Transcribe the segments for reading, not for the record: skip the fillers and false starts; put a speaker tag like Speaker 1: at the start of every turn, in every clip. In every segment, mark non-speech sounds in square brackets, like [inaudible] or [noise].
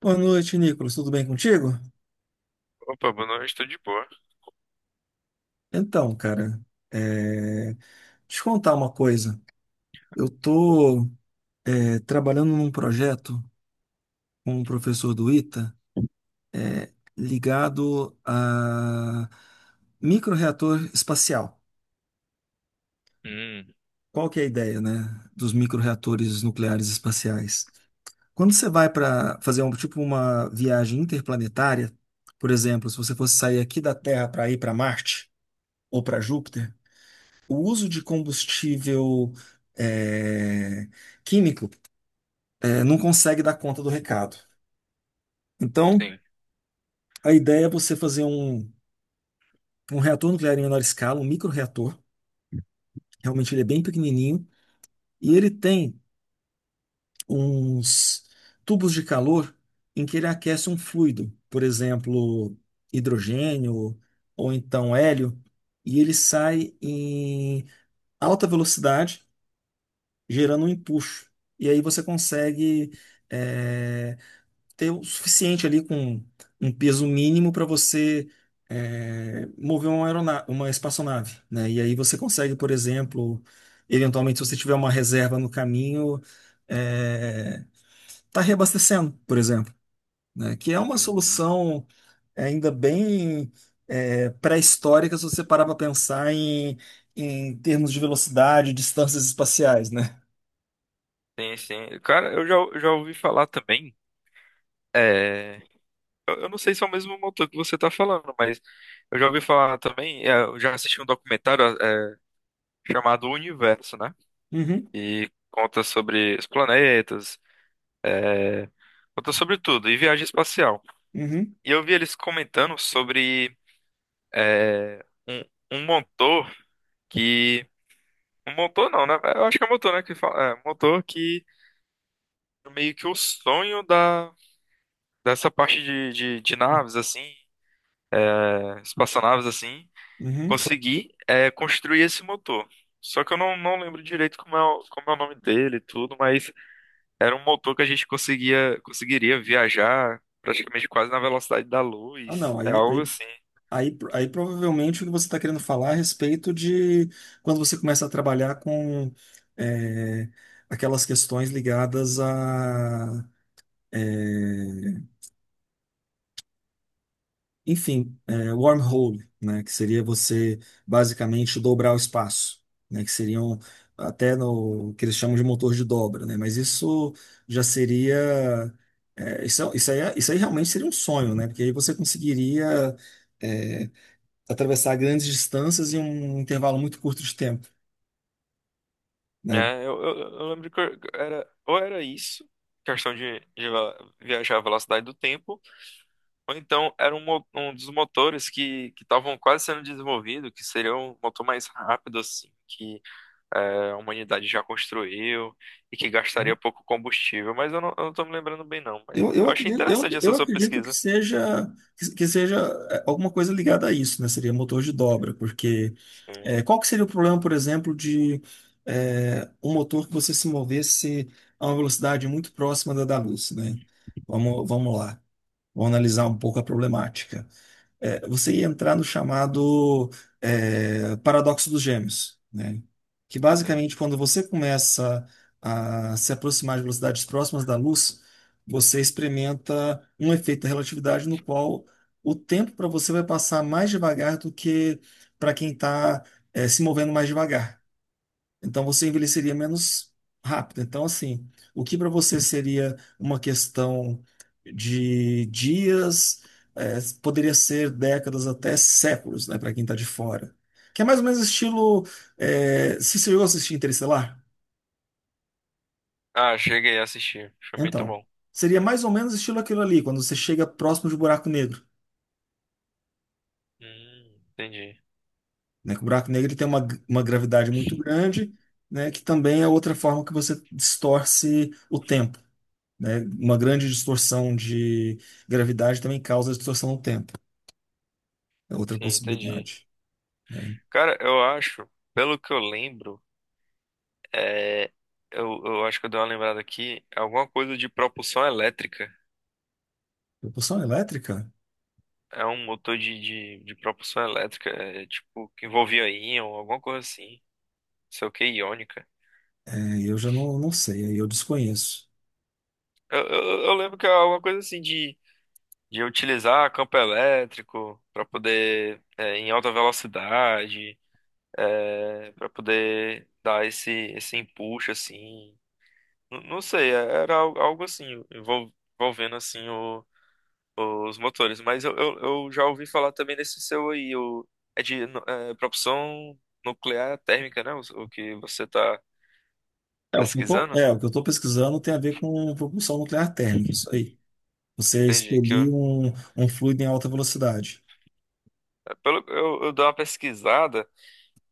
Speaker 1: Boa noite, Nicolas. Tudo bem contigo?
Speaker 2: Opa, boa noite, estou de boa.
Speaker 1: Então, cara, é... te contar uma coisa. Eu tô trabalhando num projeto com um professor do ITA, ligado a microreator espacial. Qual que é a ideia, né, dos microreatores nucleares espaciais? Quando você vai para fazer um tipo uma viagem interplanetária, por exemplo, se você fosse sair aqui da Terra para ir para Marte ou para Júpiter, o uso de combustível é, químico não consegue dar conta do recado. Então,
Speaker 2: Sim.
Speaker 1: a ideia é você fazer um reator nuclear em menor escala, um microreator. Realmente ele é bem pequenininho e ele tem uns tubos de calor em que ele aquece um fluido, por exemplo, hidrogênio ou então hélio, e ele sai em alta velocidade, gerando um empuxo. E aí você consegue eh, ter o suficiente ali com um peso mínimo para você mover uma aeronave, uma espaçonave, né? E aí você consegue, por exemplo, eventualmente, se você tiver uma reserva no caminho, é, tá reabastecendo, por exemplo, né? Que é uma
Speaker 2: Uhum.
Speaker 1: solução ainda bem pré-histórica, se você parar para pensar em termos de velocidade, distâncias espaciais, né?
Speaker 2: Sim, sim. Cara, eu já ouvi falar também. É... eu não sei se é o mesmo motor que você está falando, mas eu já ouvi falar também. Eu já assisti um documentário chamado O Universo, né?
Speaker 1: Uhum,
Speaker 2: E conta sobre os planetas, é, conta sobre tudo, e viagem espacial.
Speaker 1: uhum,
Speaker 2: E eu vi eles comentando sobre é, um, um motor que. Um motor não, né? Eu acho que é motor, né? Que fala, é, motor que meio que o sonho da. Dessa parte de naves, assim, é, espaçonaves, assim,
Speaker 1: uhum.
Speaker 2: consegui é, construir esse motor. Só que eu não, não lembro direito como é o nome dele e tudo, mas era um motor que a gente conseguiria viajar praticamente quase na velocidade da
Speaker 1: Ah,
Speaker 2: luz.
Speaker 1: não.
Speaker 2: É
Speaker 1: aí
Speaker 2: algo assim.
Speaker 1: Aí, aí provavelmente o que você está querendo falar é a respeito de quando você começa a trabalhar com é, aquelas questões ligadas a, é, wormhole, né, que seria você basicamente dobrar o espaço, né, que seriam até no que eles chamam de motor de dobra, né, mas isso já seria, isso aí realmente seria um sonho, né, porque aí você conseguiria eh, atravessar grandes distâncias em um intervalo muito curto de tempo, né?
Speaker 2: É, eu lembro que era, ou era isso, questão de, viajar à velocidade do tempo, ou então era um dos motores que estavam quase sendo desenvolvido, que seria um motor mais rápido, assim, é, a humanidade já construiu e que gastaria pouco combustível, mas eu não tô me lembrando bem, não. Mas
Speaker 1: Eu
Speaker 2: eu achei
Speaker 1: acredito, eu,
Speaker 2: interessante essa
Speaker 1: eu
Speaker 2: sua
Speaker 1: acredito que
Speaker 2: pesquisa.
Speaker 1: seja, que seja alguma coisa ligada a isso, né? Seria motor de dobra, porque
Speaker 2: Sim,
Speaker 1: qual que seria o problema, por exemplo, de um motor que você se movesse a uma velocidade muito próxima da luz, né? Vamos lá, vamos analisar um pouco a problemática. Você ia entrar no chamado paradoxo dos gêmeos, né? Que
Speaker 2: sim.
Speaker 1: basicamente, quando você começa a se aproximar de velocidades próximas da luz, você experimenta um efeito da relatividade no qual o tempo para você vai passar mais devagar do que para quem está se movendo mais devagar. Então você envelheceria menos rápido. Então, assim, o que para você seria uma questão de dias, poderia ser décadas até séculos, né, para quem está de fora. Que é mais ou menos estilo. Se você chegou a assistir Interestelar?
Speaker 2: Ah, cheguei a assistir. Foi muito
Speaker 1: Então,
Speaker 2: bom.
Speaker 1: seria mais ou menos estilo aquilo ali, quando você chega próximo de um buraco negro.
Speaker 2: Entendi.
Speaker 1: Né? Que o buraco negro ele tem uma gravidade muito grande, né, que também é outra forma que você distorce o tempo. Né? Uma grande distorção de gravidade também causa distorção no tempo. É outra
Speaker 2: Sim, entendi.
Speaker 1: possibilidade, né?
Speaker 2: Cara, eu acho, pelo que eu lembro, é, eu acho que eu dei uma lembrada aqui, alguma coisa de propulsão elétrica.
Speaker 1: Propulsão elétrica?
Speaker 2: É um motor de propulsão elétrica, é, tipo, que envolvia íon, alguma coisa assim. Não sei o que, iônica.
Speaker 1: É, eu já não, não sei, aí eu desconheço.
Speaker 2: Eu lembro que é alguma coisa assim de utilizar campo elétrico para poder é, em alta velocidade, é, para poder dar esse empuxo assim. Não, sei, era algo assim envolvendo assim os motores, mas eu já ouvi falar também desse seu aí, o é de nu- é, propulsão nuclear térmica, né? O que você está
Speaker 1: É,
Speaker 2: pesquisando?
Speaker 1: o que eu tô pesquisando tem a ver com propulsão nuclear térmica, isso aí. Você
Speaker 2: Entendi que eu,
Speaker 1: expelir um fluido em alta velocidade.
Speaker 2: é, pelo, eu dou uma pesquisada.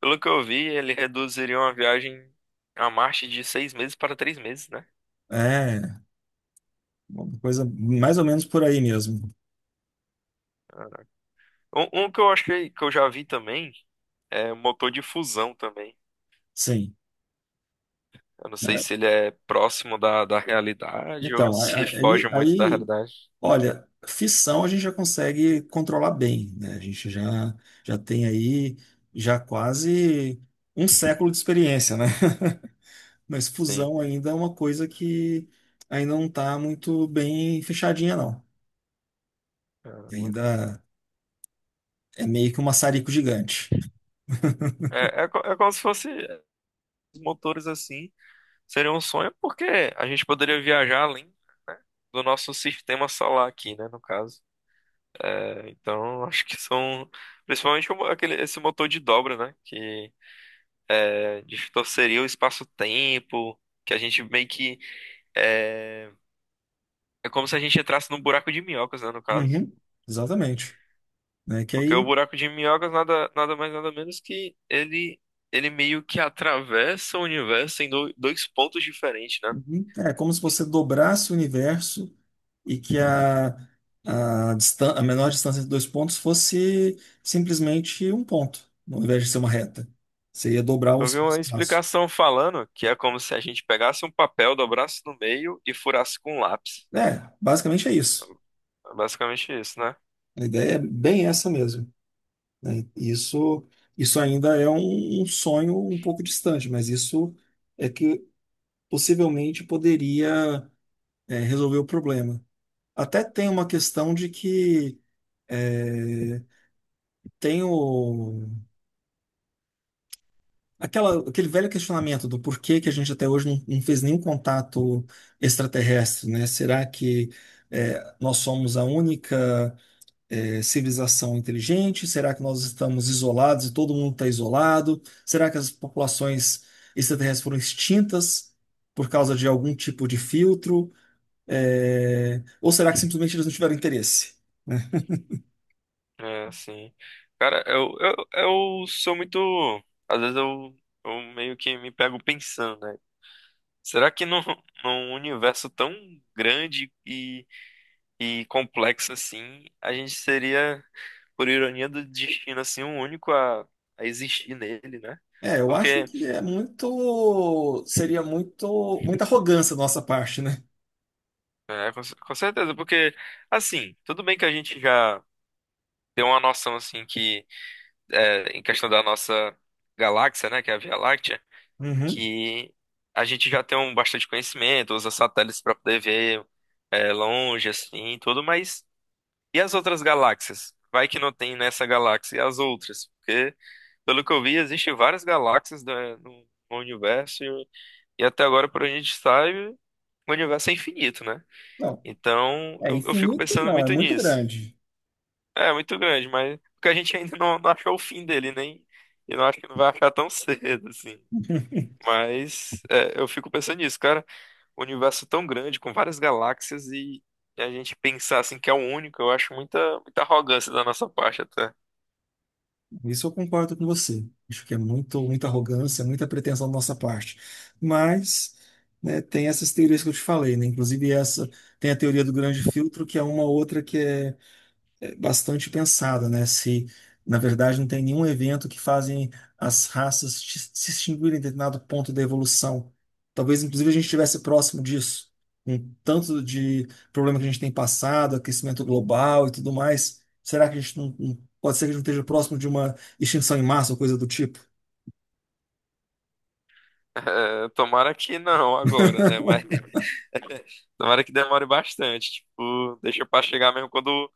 Speaker 2: Pelo que eu vi, ele reduziria uma viagem a Marte de 6 meses para 3 meses, né?
Speaker 1: É, uma coisa mais ou menos por aí mesmo.
Speaker 2: Um que eu achei que eu já vi também é motor de fusão também.
Speaker 1: Sim.
Speaker 2: Eu não sei se ele é próximo da, da realidade ou
Speaker 1: Então,
Speaker 2: se foge muito da realidade.
Speaker 1: olha, fissão a gente já consegue controlar bem, né? A gente já tem aí já quase um século de experiência, né? [laughs] Mas
Speaker 2: Sim.
Speaker 1: fusão ainda é uma coisa que ainda não está muito bem fechadinha, não.
Speaker 2: Caramba.
Speaker 1: Ainda é meio que um maçarico gigante.
Speaker 2: É como se fosse os motores assim. Seria um sonho porque a gente poderia viajar além, né, do nosso sistema solar aqui, né, no caso. Então, [laughs] acho que são principalmente esse motor de dobra, né, que distorceria o espaço-tempo, que a gente meio que é, é como se a gente entrasse num buraco de minhocas, né, no caso.
Speaker 1: Uhum, exatamente. Né? Que
Speaker 2: Porque o
Speaker 1: aí.
Speaker 2: buraco de minhocas nada, nada mais nada menos que ele meio que atravessa o universo em dois pontos diferentes, né?
Speaker 1: Uhum. É como se você dobrasse o universo e que a menor distância entre dois pontos fosse simplesmente um ponto, ao invés de ser uma reta. Você ia dobrar o
Speaker 2: Eu vi uma
Speaker 1: espaço.
Speaker 2: explicação falando que é como se a gente pegasse um papel, dobrasse no meio e furasse com um lápis.
Speaker 1: É, basicamente é isso.
Speaker 2: É basicamente isso, né?
Speaker 1: A ideia é bem essa mesmo. Né? Isso, isso, ainda é um sonho um pouco distante, mas isso é que possivelmente poderia, resolver o problema. Até tem uma questão de que. é, tem o, aquele velho questionamento do porquê que a gente até hoje não, não fez nenhum contato extraterrestre, né? Será que nós somos a única civilização inteligente? Será que nós estamos isolados e todo mundo está isolado? Será que as populações extraterrestres foram extintas por causa de algum tipo de filtro? É, ou será que simplesmente eles não tiveram interesse?
Speaker 2: É assim. Cara, eu sou muito. Às vezes eu meio que me pego pensando, né? Será que num, [laughs] num universo tão grande e complexo assim, a gente seria, por ironia do destino, assim, o único a existir nele, né?
Speaker 1: É, eu acho
Speaker 2: Porque,
Speaker 1: que é muito, seria muito, muita arrogância da nossa parte, né?
Speaker 2: com certeza, porque, assim, tudo bem que a gente já tem uma noção, assim, que, é, em questão da nossa galáxia, né, que é a Via Láctea,
Speaker 1: Uhum.
Speaker 2: que a gente já tem um bastante conhecimento, usa satélites para poder ver, é, longe, assim, tudo, mas. E as outras galáxias? Vai que não tem nessa galáxia as outras? Porque, pelo que eu vi, existem várias no, no universo e até agora, por onde a gente sabe, o universo é infinito, né?
Speaker 1: Não.
Speaker 2: Então,
Speaker 1: É
Speaker 2: eu fico
Speaker 1: infinito,
Speaker 2: pensando
Speaker 1: não, é
Speaker 2: muito
Speaker 1: muito
Speaker 2: nisso.
Speaker 1: grande.
Speaker 2: É, muito grande, mas porque a gente ainda não achou o fim dele, nem, e não acho que não vai achar tão [laughs] cedo, assim.
Speaker 1: [laughs]
Speaker 2: Mas é, eu fico pensando nisso, cara. O universo tão grande, com várias galáxias e a gente pensar assim que é o único, eu acho muita, muita arrogância da nossa parte até.
Speaker 1: Isso eu concordo com você. Acho que é muito, muita arrogância, muita pretensão da nossa parte. Mas, né, tem essas teorias que eu te falei, né? Inclusive essa, tem a teoria do grande filtro, que é uma outra que é bastante pensada, né? Se, na verdade, não tem nenhum evento que fazem as raças se extinguirem em determinado ponto da evolução. Talvez, inclusive, a gente estivesse próximo disso, com tanto de problema que a gente tem passado, aquecimento global e tudo mais. Será que a gente não, pode ser que a gente esteja próximo de uma extinção em massa ou coisa do tipo?
Speaker 2: [laughs] É, tomara que não agora, né? Mas
Speaker 1: [laughs]
Speaker 2: [laughs] tomara que demore bastante. Tipo, deixa pra chegar mesmo quando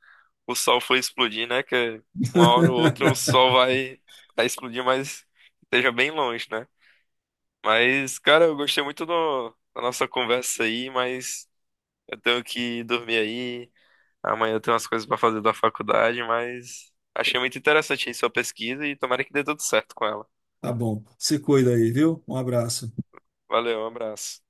Speaker 2: o sol for explodir, né? Que uma hora ou outra vai explodir, mas esteja bem longe, né? Mas, cara, eu gostei muito da nossa conversa aí, mas eu tenho que dormir aí. Amanhã eu tenho umas coisas pra fazer da faculdade, mas achei muito interessante aí sua pesquisa e tomara que dê tudo certo com ela.
Speaker 1: Tá bom. Se cuida aí, viu? Um abraço.
Speaker 2: Valeu, um abraço.